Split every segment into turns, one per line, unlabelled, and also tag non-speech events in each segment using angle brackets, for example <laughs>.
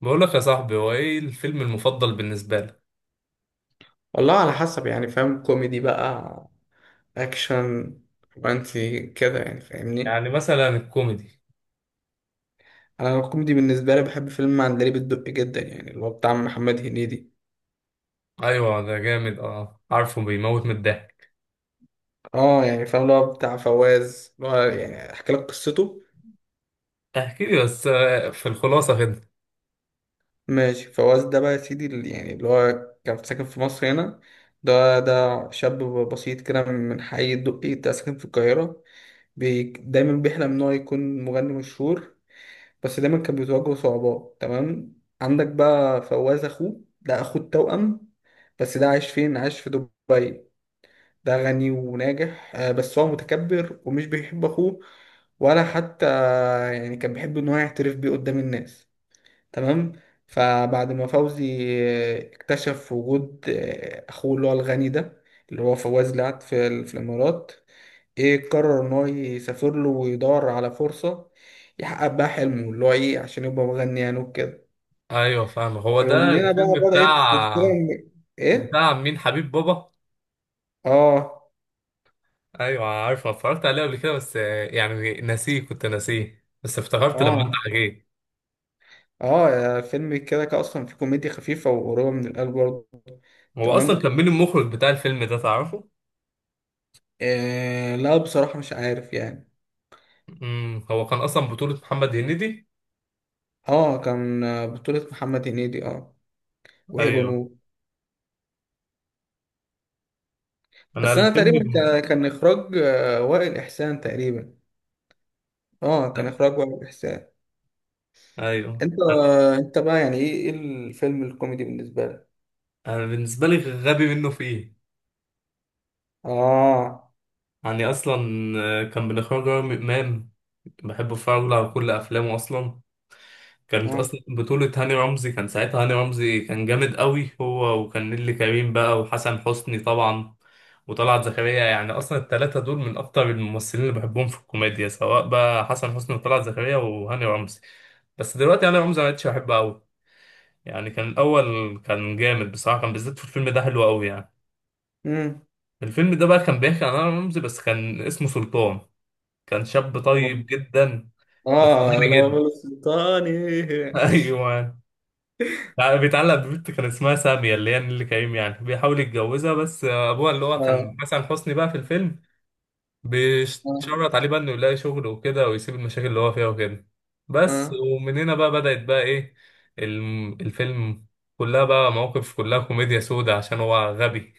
بقول لك يا صاحبي، هو ايه الفيلم المفضل بالنسبة لك؟
والله على حسب يعني فاهم كوميدي بقى، اكشن، رومانسي كده يعني فاهمني.
يعني مثلا الكوميدي.
انا الكوميدي بالنسبه لي بحب فيلم عندليب الدق جدا يعني اللي هو بتاع محمد هنيدي.
ايوه ده جامد، اه عارفه بيموت من الضحك.
اه يعني فاهم اللي هو بتاع فواز، اللي هو يعني احكي لك قصته.
احكي لي بس، في الخلاصة كده.
ماشي، فواز ده بقى يا سيدي اللي يعني اللي هو كان ساكن في مصر هنا. ده شاب بسيط كده من حي الدقي، ده ساكن في القاهره. بي دايما بيحلم ان هو يكون مغني مشهور، بس دايما كان بيتواجهوا صعوبات. تمام، عندك بقى فواز اخوه ده، اخو التوأم. بس ده عايش فين؟ عايش في دبي. ده غني وناجح، بس هو متكبر ومش بيحب اخوه، ولا حتى يعني كان بيحب ان هو يعترف بيه قدام الناس. تمام. فبعد ما فوزي اكتشف وجود اخوه اللي هو الغني ده، اللي هو فواز لعب في الامارات، ايه قرر ان هو يسافر له ويدور على فرصة، يحقق بقى حلمه اللي هو ايه عشان يبقى مغني يعني وكده.
ايوه فاهم، هو ده
ومن هنا
الفيلم
بقى بدأت سلسلة
بتاع
من- ايه.
بتاع مين، حبيب بابا؟
اه،
ايوه عارفه، اتفرجت عليه قبل كده، بس يعني كنت ناسيه، بس افتكرت لما انت
اه،
حكيت.
اه، يا فيلم كده كده اصلا في كوميديا خفيفة وقريبة من القلب برضه.
هو اصلا
تمام.
كان مين المخرج بتاع الفيلم ده، تعرفه؟
إيه، لا بصراحة مش عارف يعني.
هو كان اصلا بطولة محمد هنيدي.
اه، كان بطولة محمد هنيدي. اه. وهبة
ايوه،
نور.
انا
بس انا
الفيلم
تقريبا كان اخراج وائل احسان تقريبا. اه، كان اخراج وائل احسان.
ايوه،
انت انت بقى يعني ايه الفيلم الكوميدي بالنسبه لك؟
انا بالنسبه لي غبي منه في ايه،
اه.
يعني اصلا كان من اخراج رامي امام. بحب اتفرج له على كل افلامه اصلا. كانت
اه.
اصلا بطوله هاني رمزي، كان ساعتها هاني رمزي كان جامد قوي، هو وكان نيللي كريم بقى، وحسن حسني طبعا، وطلعت زكريا، يعني اصلا الثلاثه دول من اكتر الممثلين اللي بحبهم في الكوميديا، سواء بقى حسن حسني وطلعت زكريا وهاني رمزي. بس دلوقتي هاني رمزي ما بقتش بحبه قوي، يعني كان الاول كان جامد بصراحه، كان بالذات في الفيلم ده حلو قوي يعني.
امم.
الفيلم ده بقى كان بيحكي عن انا رمزي، بس كان اسمه سلطان، كان شاب طيب جدا بس
اه،
غبي
لو انا
جدا.
السلطاني.
<laughs> ايوه. يعني بيتعلق ببنت كان اسمها سامية اللي هي نيللي كريم، يعني بيحاول يتجوزها، بس ابوها اللي هو كان
اه.
حسن حسني بقى في الفيلم
اه.
بيشرط عليه بقى انه يلاقي شغل وكده، ويسيب المشاكل اللي هو فيها وكده. بس
اه.
ومن هنا بقى بدأت بقى ايه الفيلم، كلها بقى مواقف، كلها كوميديا سودة عشان هو غبي.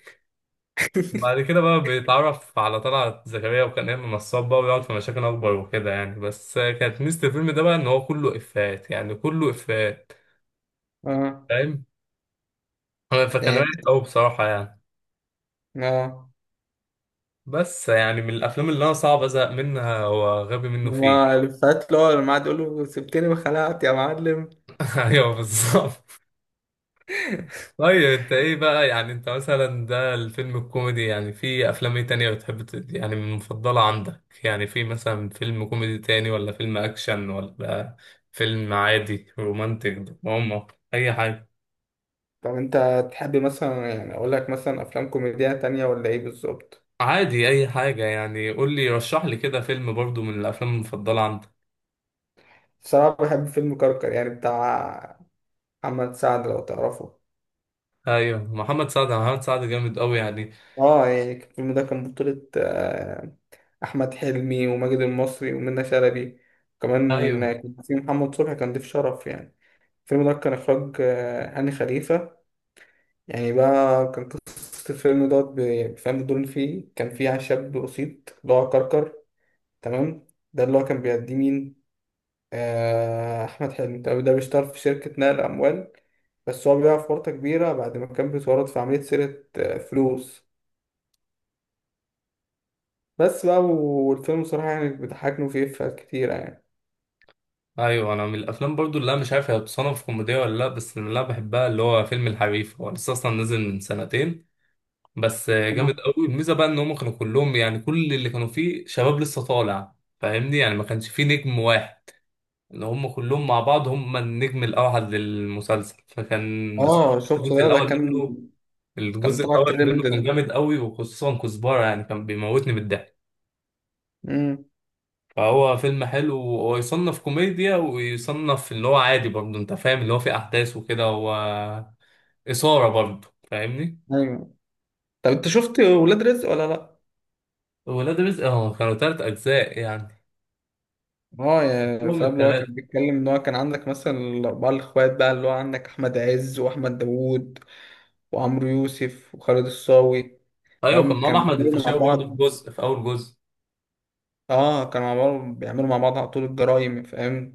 <laughs>
وبعد كده بقى بيتعرف على طلعت زكريا، وكان ايمن نصاب بقى، ويقعد في مشاكل اكبر وكده يعني، بس كانت ميزة الفيلم ده بقى ان هو كله افيهات، يعني كله افيهات،
اه
فاهم؟ فكان
يعني.
رايق قوي بصراحة يعني.
اه.
بس يعني من الافلام اللي انا صعب ازهق منها هو غبي منه
ما
فيه.
الفات اللي هو لما قعد يقول له سبتني وخلعت يا معلم.
<laughs> ايوه بالظبط. طيب انت ايه بقى؟ يعني انت مثلا ده الفيلم الكوميدي، يعني في افلام ايه تانية بتحب يعني من المفضلة عندك؟ يعني في مثلا فيلم كوميدي تاني، ولا فيلم اكشن، ولا فيلم عادي، رومانتك دراما، اي حاجة.
طب انت تحب مثلا يعني اقول لك مثلا افلام كوميدية تانية ولا ايه بالظبط؟
عادي اي حاجة يعني، قول لي رشح لي كده فيلم برضو من الافلام المفضلة عندك.
بصراحة بحب فيلم كركر يعني بتاع محمد سعد، لو تعرفه.
ايوه محمد سعد، محمد سعد جامد قوي يعني.
اه يعني الفيلم ده كان بطولة احمد حلمي وماجد المصري ومنى شلبي، وكمان
ايوه.
كان في محمد صبحي كان ضيف شرف يعني. الفيلم ده كان اخراج هاني خليفه. يعني بقى كان قصه الفيلم دوت فاهم الدور اللي فيه، كان فيه شاب بسيط اللي هو كركر. تمام. ده اللي هو كان بيأدي مين؟ احمد حلمي، ده بيشتغل في شركه نقل اموال، بس هو بيقع في ورطه كبيره بعد ما كان بيتورط في عمليه سرقه فلوس. بس بقى، والفيلم صراحه يعني بيضحكني وفيه إفيهات كتيره
ايوه انا من الافلام برضو اللي انا مش عارف هي بتصنف كوميديا ولا لا، بس اللي انا بحبها اللي هو فيلم الحريف، هو لسه اصلا نزل من سنتين بس جامد
يعني.
قوي. الميزه بقى ان هم كانوا كلهم، يعني كل اللي كانوا فيه شباب لسه طالع فاهمني، يعني ما كانش فيه نجم واحد، ان هم كلهم مع بعض هم النجم الاوحد للمسلسل، فكان
اه،
بصراحه
شفته ده كان. كان
الجزء
طلع
الاول منه
ترند
كان
ده.
جامد قوي، وخصوصا كزبره، يعني كان بيموتني بالضحك.
امم.
فهو فيلم حلو، وهو يصنف كوميديا ويصنف اللي هو عادي برضه، انت فاهم اللي هو فيه احداث وكده، هو اثاره برضه فاهمني.
ايوه، طب انت شفت ولاد رزق ولا لا؟
ولاد رزق، اه كانوا تلات اجزاء يعني،
اه يا
هم
فاهم، اللي هو
التلاتة.
كان بيتكلم ان هو كان عندك مثلا الاربعه الاخوات بقى، اللي هو عندك احمد عز واحمد داوود وعمرو يوسف وخالد الصاوي.
ايوه، كان
فاهم
ماما
كانوا
احمد
بيعملوا مع
الفيشاوي برضه
بعض.
في اول جزء.
اه كانوا مع بعض، بيعملوا مع بعض على طول الجرايم، فاهم؟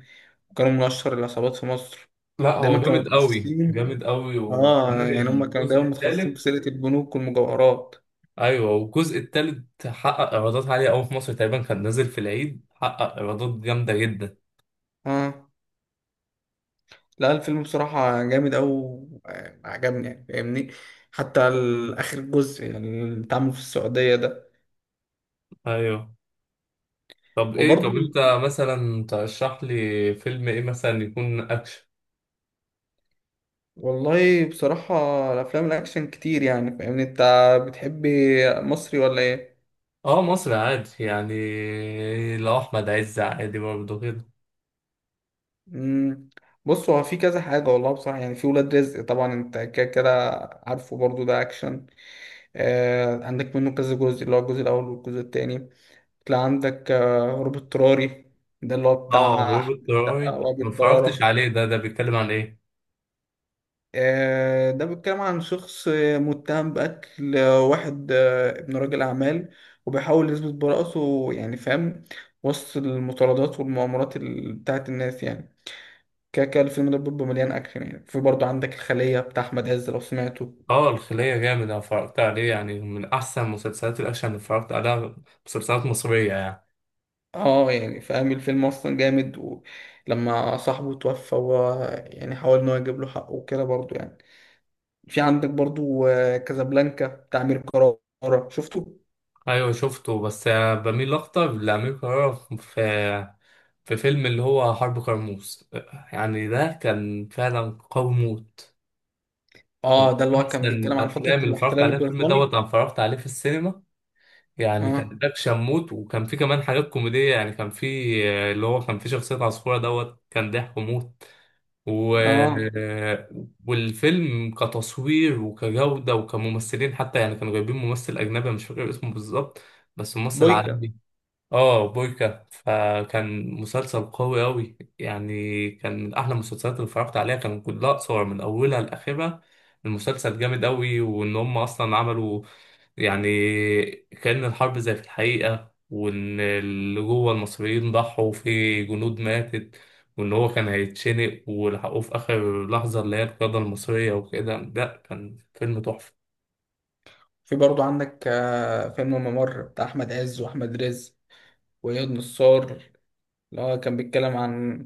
كانوا من اشهر العصابات في مصر.
لا
دايما
هو
كانوا
جامد قوي،
متخصصين.
جامد قوي،
اه
وكمان
يعني هم كانوا
الجزء
دايما متخصصين في
الثالث.
سرقه البنوك والمجوهرات.
ايوه والجزء الثالث حقق ايرادات عاليه قوي في مصر، تقريبا كان نازل في العيد حقق ايرادات جامده جدا.
اه. لا الفيلم بصراحة جامد أوي، عجبني يعني فاهمني. حتى آخر جزء يعني، اللي اتعمل في السعودية ده.
ايوه. طب
وبرضه،
انت مثلا ترشح لي فيلم ايه مثلا يكون اكشن؟
والله بصراحة الأفلام الأكشن كتير يعني فاهمني. أنت بتحب مصري ولا إيه؟
اه مصر عادي يعني، لو احمد عز عادي برضه كده.
مم. بص، هو في كذا حاجة والله بصراحة. يعني في ولاد رزق طبعا أنت كده كده عارفه، برضه ده أكشن. عندك منه كذا جزء، اللي هو الجزء الأول والجزء التاني. تلاقي عندك هروب اضطراري، ده اللي هو
اه
بتاع أحمد
روبوت
السقا
طياري
وأبي
ما اتفرجتش
برارة.
عليه، ده بيتكلم عن ايه؟
ده بيتكلم عن شخص متهم بقتل واحد، ابن راجل أعمال، وبيحاول يثبت براءته يعني فاهم، وسط المطاردات والمؤامرات بتاعت الناس يعني. كده كده الفيلم ده بيبقى مليان أكشن يعني. في برضه عندك الخلية بتاع أحمد عز، لو سمعته.
اه الخلية جامد، انا اتفرجت عليه، يعني من احسن مسلسلات الاكشن اللي اتفرجت عليها، مسلسلات مصرية يعني.
اه يعني فاهم، الفيلم أصلا جامد. ولما صاحبه توفى هو يعني حاول إن هو يجيب له حقه وكده برضه يعني. في عندك برضه كازابلانكا بتاع أمير كرارة، شفته؟
ايوه شفته، بس بميل اكتر لأمير كرارة، في فيلم اللي هو حرب كرموز، يعني ده كان فعلا قوي موت، من
اه، ده اللي هو
احسن
كان بيتكلم عن فترة
الافلام اللي اتفرجت
الاحتلال
عليها، الفيلم دوت
البريطاني.
انا اتفرجت عليه في السينما، يعني
اه.
كان اكشن موت، وكان في كمان حاجات كوميدية، يعني كان في اللي هو كان في شخصية عصفورة دوت كان ضحك موت. و...
اه،
والفيلم كتصوير وكجودة وكممثلين حتى، يعني كانوا جايبين ممثل أجنبي، أنا مش فاكر اسمه بالظبط، بس ممثل
بويكا.
عالمي. اه بويكا، فكان مسلسل قوي أوي يعني، كان من أحلى المسلسلات اللي اتفرجت عليها، كان كلها قصير من أولها لآخرها، المسلسل جامد أوي، وإن هم أصلا عملوا يعني كأن الحرب زي في الحقيقة، وإن اللي جوه المصريين ضحوا في جنود ماتت، وإن هو كان هيتشنق ولحقوه في آخر لحظة اللي هي القيادة المصرية وكده، لأ كان فيلم تحفة.
في برضو عندك فيلم الممر بتاع أحمد عز وأحمد رزق وإياد نصار. اللي هو كان بيتكلم عن،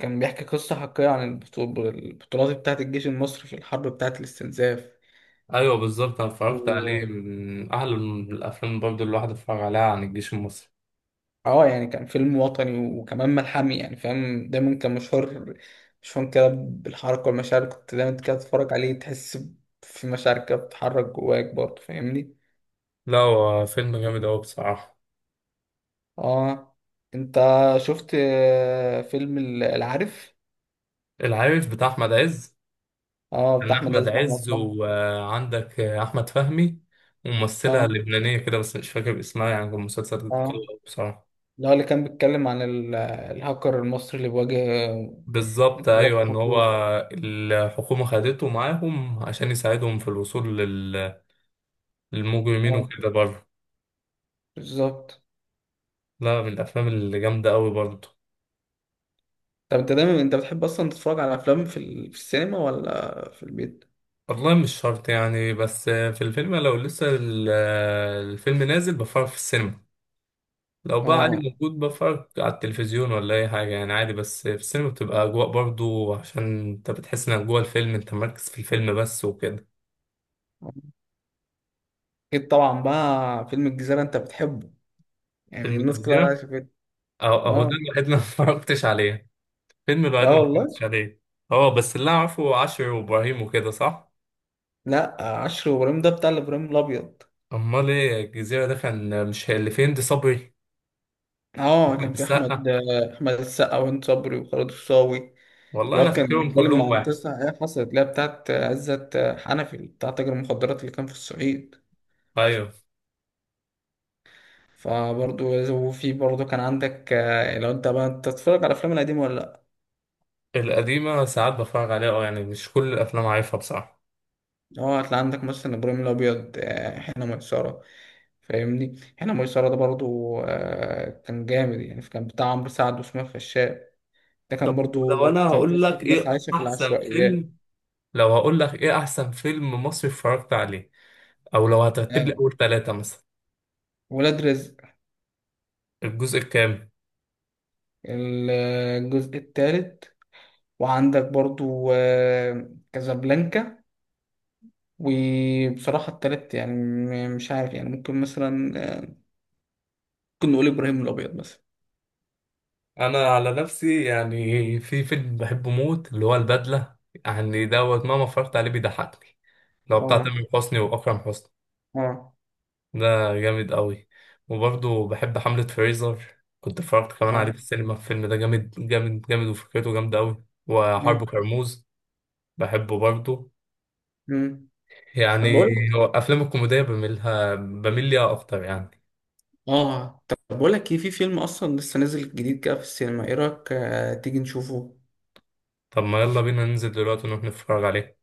كان بيحكي قصة حقيقية عن البطولات بتاعة الجيش المصري في الحرب بتاعة الاستنزاف.
أيوة بالظبط، أنا اتفرجت عليه،
و.
من أحلى الأفلام برضه اللي الواحد اتفرج عليها عن الجيش المصري.
اه يعني كان فيلم وطني وكمان ملحمي يعني فاهم. دايما كان مشهور، مشهور كده بالحركة والمشاعر. كنت دايما كده تتفرج عليه تحس في مشاعر كده بتتحرك جواك برضه فاهمني.
لا هو فيلم جامد أوي بصراحة.
اه، انت شفت فيلم العارف؟
العارف بتاع أحمد عز،
اه
كان
بتاع احمد
احمد
عز واحمد
عز
فهمي.
وعندك احمد فهمي، وممثله
اه.
لبنانيه كده بس مش فاكر اسمها، يعني كان مسلسل قوي
اه،
أوي بصراحه.
اللي هو اللي كان بيتكلم عن الهاكر المصري اللي بيواجه
بالظبط
نظام
ايوه، ان هو
خطير.
الحكومه خدته معاهم عشان يساعدهم في الوصول للمجرمين
اه،
وكده برضه.
بالظبط.
لا من الافلام اللي جامده قوي برضه.
طب انت دايما انت بتحب اصلا تتفرج على افلام في في السينما ولا في البيت؟
والله مش شرط يعني، بس في الفيلم لو لسه الفيلم نازل بفرج في السينما، لو بقى عادي
اه،
موجود بفرج على التلفزيون ولا اي حاجه يعني، عادي، بس في السينما بتبقى اجواء برضو عشان انت بتحس انك جوه الفيلم، انت مركز في الفيلم بس وكده.
اكيد طبعا بقى فيلم الجزيرة انت بتحبه يعني
فيلم
الناس كلها
الجزيره،
شافته.
أهو ده
اه.
الوحيد اللي <laughs> ما اتفرجتش عليه. فيلم الوحيد
لا
اللي ما
والله.
اتفرجتش عليه. اه بس اللي أنا اعرفه عشر وابراهيم وكده، صح؟
لا، عشر وابراهيم ده بتاع الابراهيم الابيض.
امال ايه الجزيره ده؟ كان مش اللي في هند صبري
اه،
احمد
كان في احمد
السقا؟
احمد السقا وهند صبري وخالد الصاوي.
والله
اللي هو
انا
كان
فاكرهم
بيتكلم
كلهم
عن
واحد.
قصه هي حصلت، اللي هي بتاعت عزت حنفي بتاع تاجر المخدرات اللي كان في الصعيد.
ايوه
فبرضه وفي برضه كان عندك، لو انت بقى تتفرج على الافلام القديمه ولا لا؟
القديمه ساعات بتفرج عليها اه، يعني مش كل الافلام عارفها بصراحه.
اه، هتلاقي عندك مثلا ابراهيم الابيض، حين ميسره. فاهمني، حين ميسره ده برضه كان جامد يعني، كان بتاع عمرو سعد واسماعيل فشاء. ده كان
طب
برضه
لو انا
كان
هقول
قصه
لك
ناس
ايه
عايشه في
احسن
العشوائيات.
فيلم، لو هقول لك ايه احسن فيلم مصري اتفرجت عليه، او لو هترتب لي
آه،
اول ثلاثة مثلا؟
ولاد رزق
الجزء الكام؟
الجزء الثالث. وعندك برضو كازابلانكا. وبصراحة التالت يعني مش عارف يعني، ممكن مثلا، آه، ممكن نقول إبراهيم الأبيض مثلا.
انا على نفسي يعني في فيلم بحبه موت اللي هو البدلة، يعني دوت مهما اتفرجت عليه بيضحكني، لو بتاع
اه.
تامر حسني واكرم حسني،
اه.
ده جامد قوي. وبرضه بحب حملة فريزر، كنت اتفرجت كمان
اه.
عليه في السينما، الفيلم ده جامد جامد جامد، وفكرته جامدة قوي، وحرب
اه.
كرموز بحبه برضه
مم. طب
يعني.
بقول
هو افلام الكوميديا بميل ليها اكتر يعني.
اه طب بقول لك ايه؟ في فيلم اصلا لسه نازل جديد كده في السينما، ايه رايك تيجي نشوفه؟
طب ما يلا بينا ننزل دلوقتي نروح نتفرج عليه.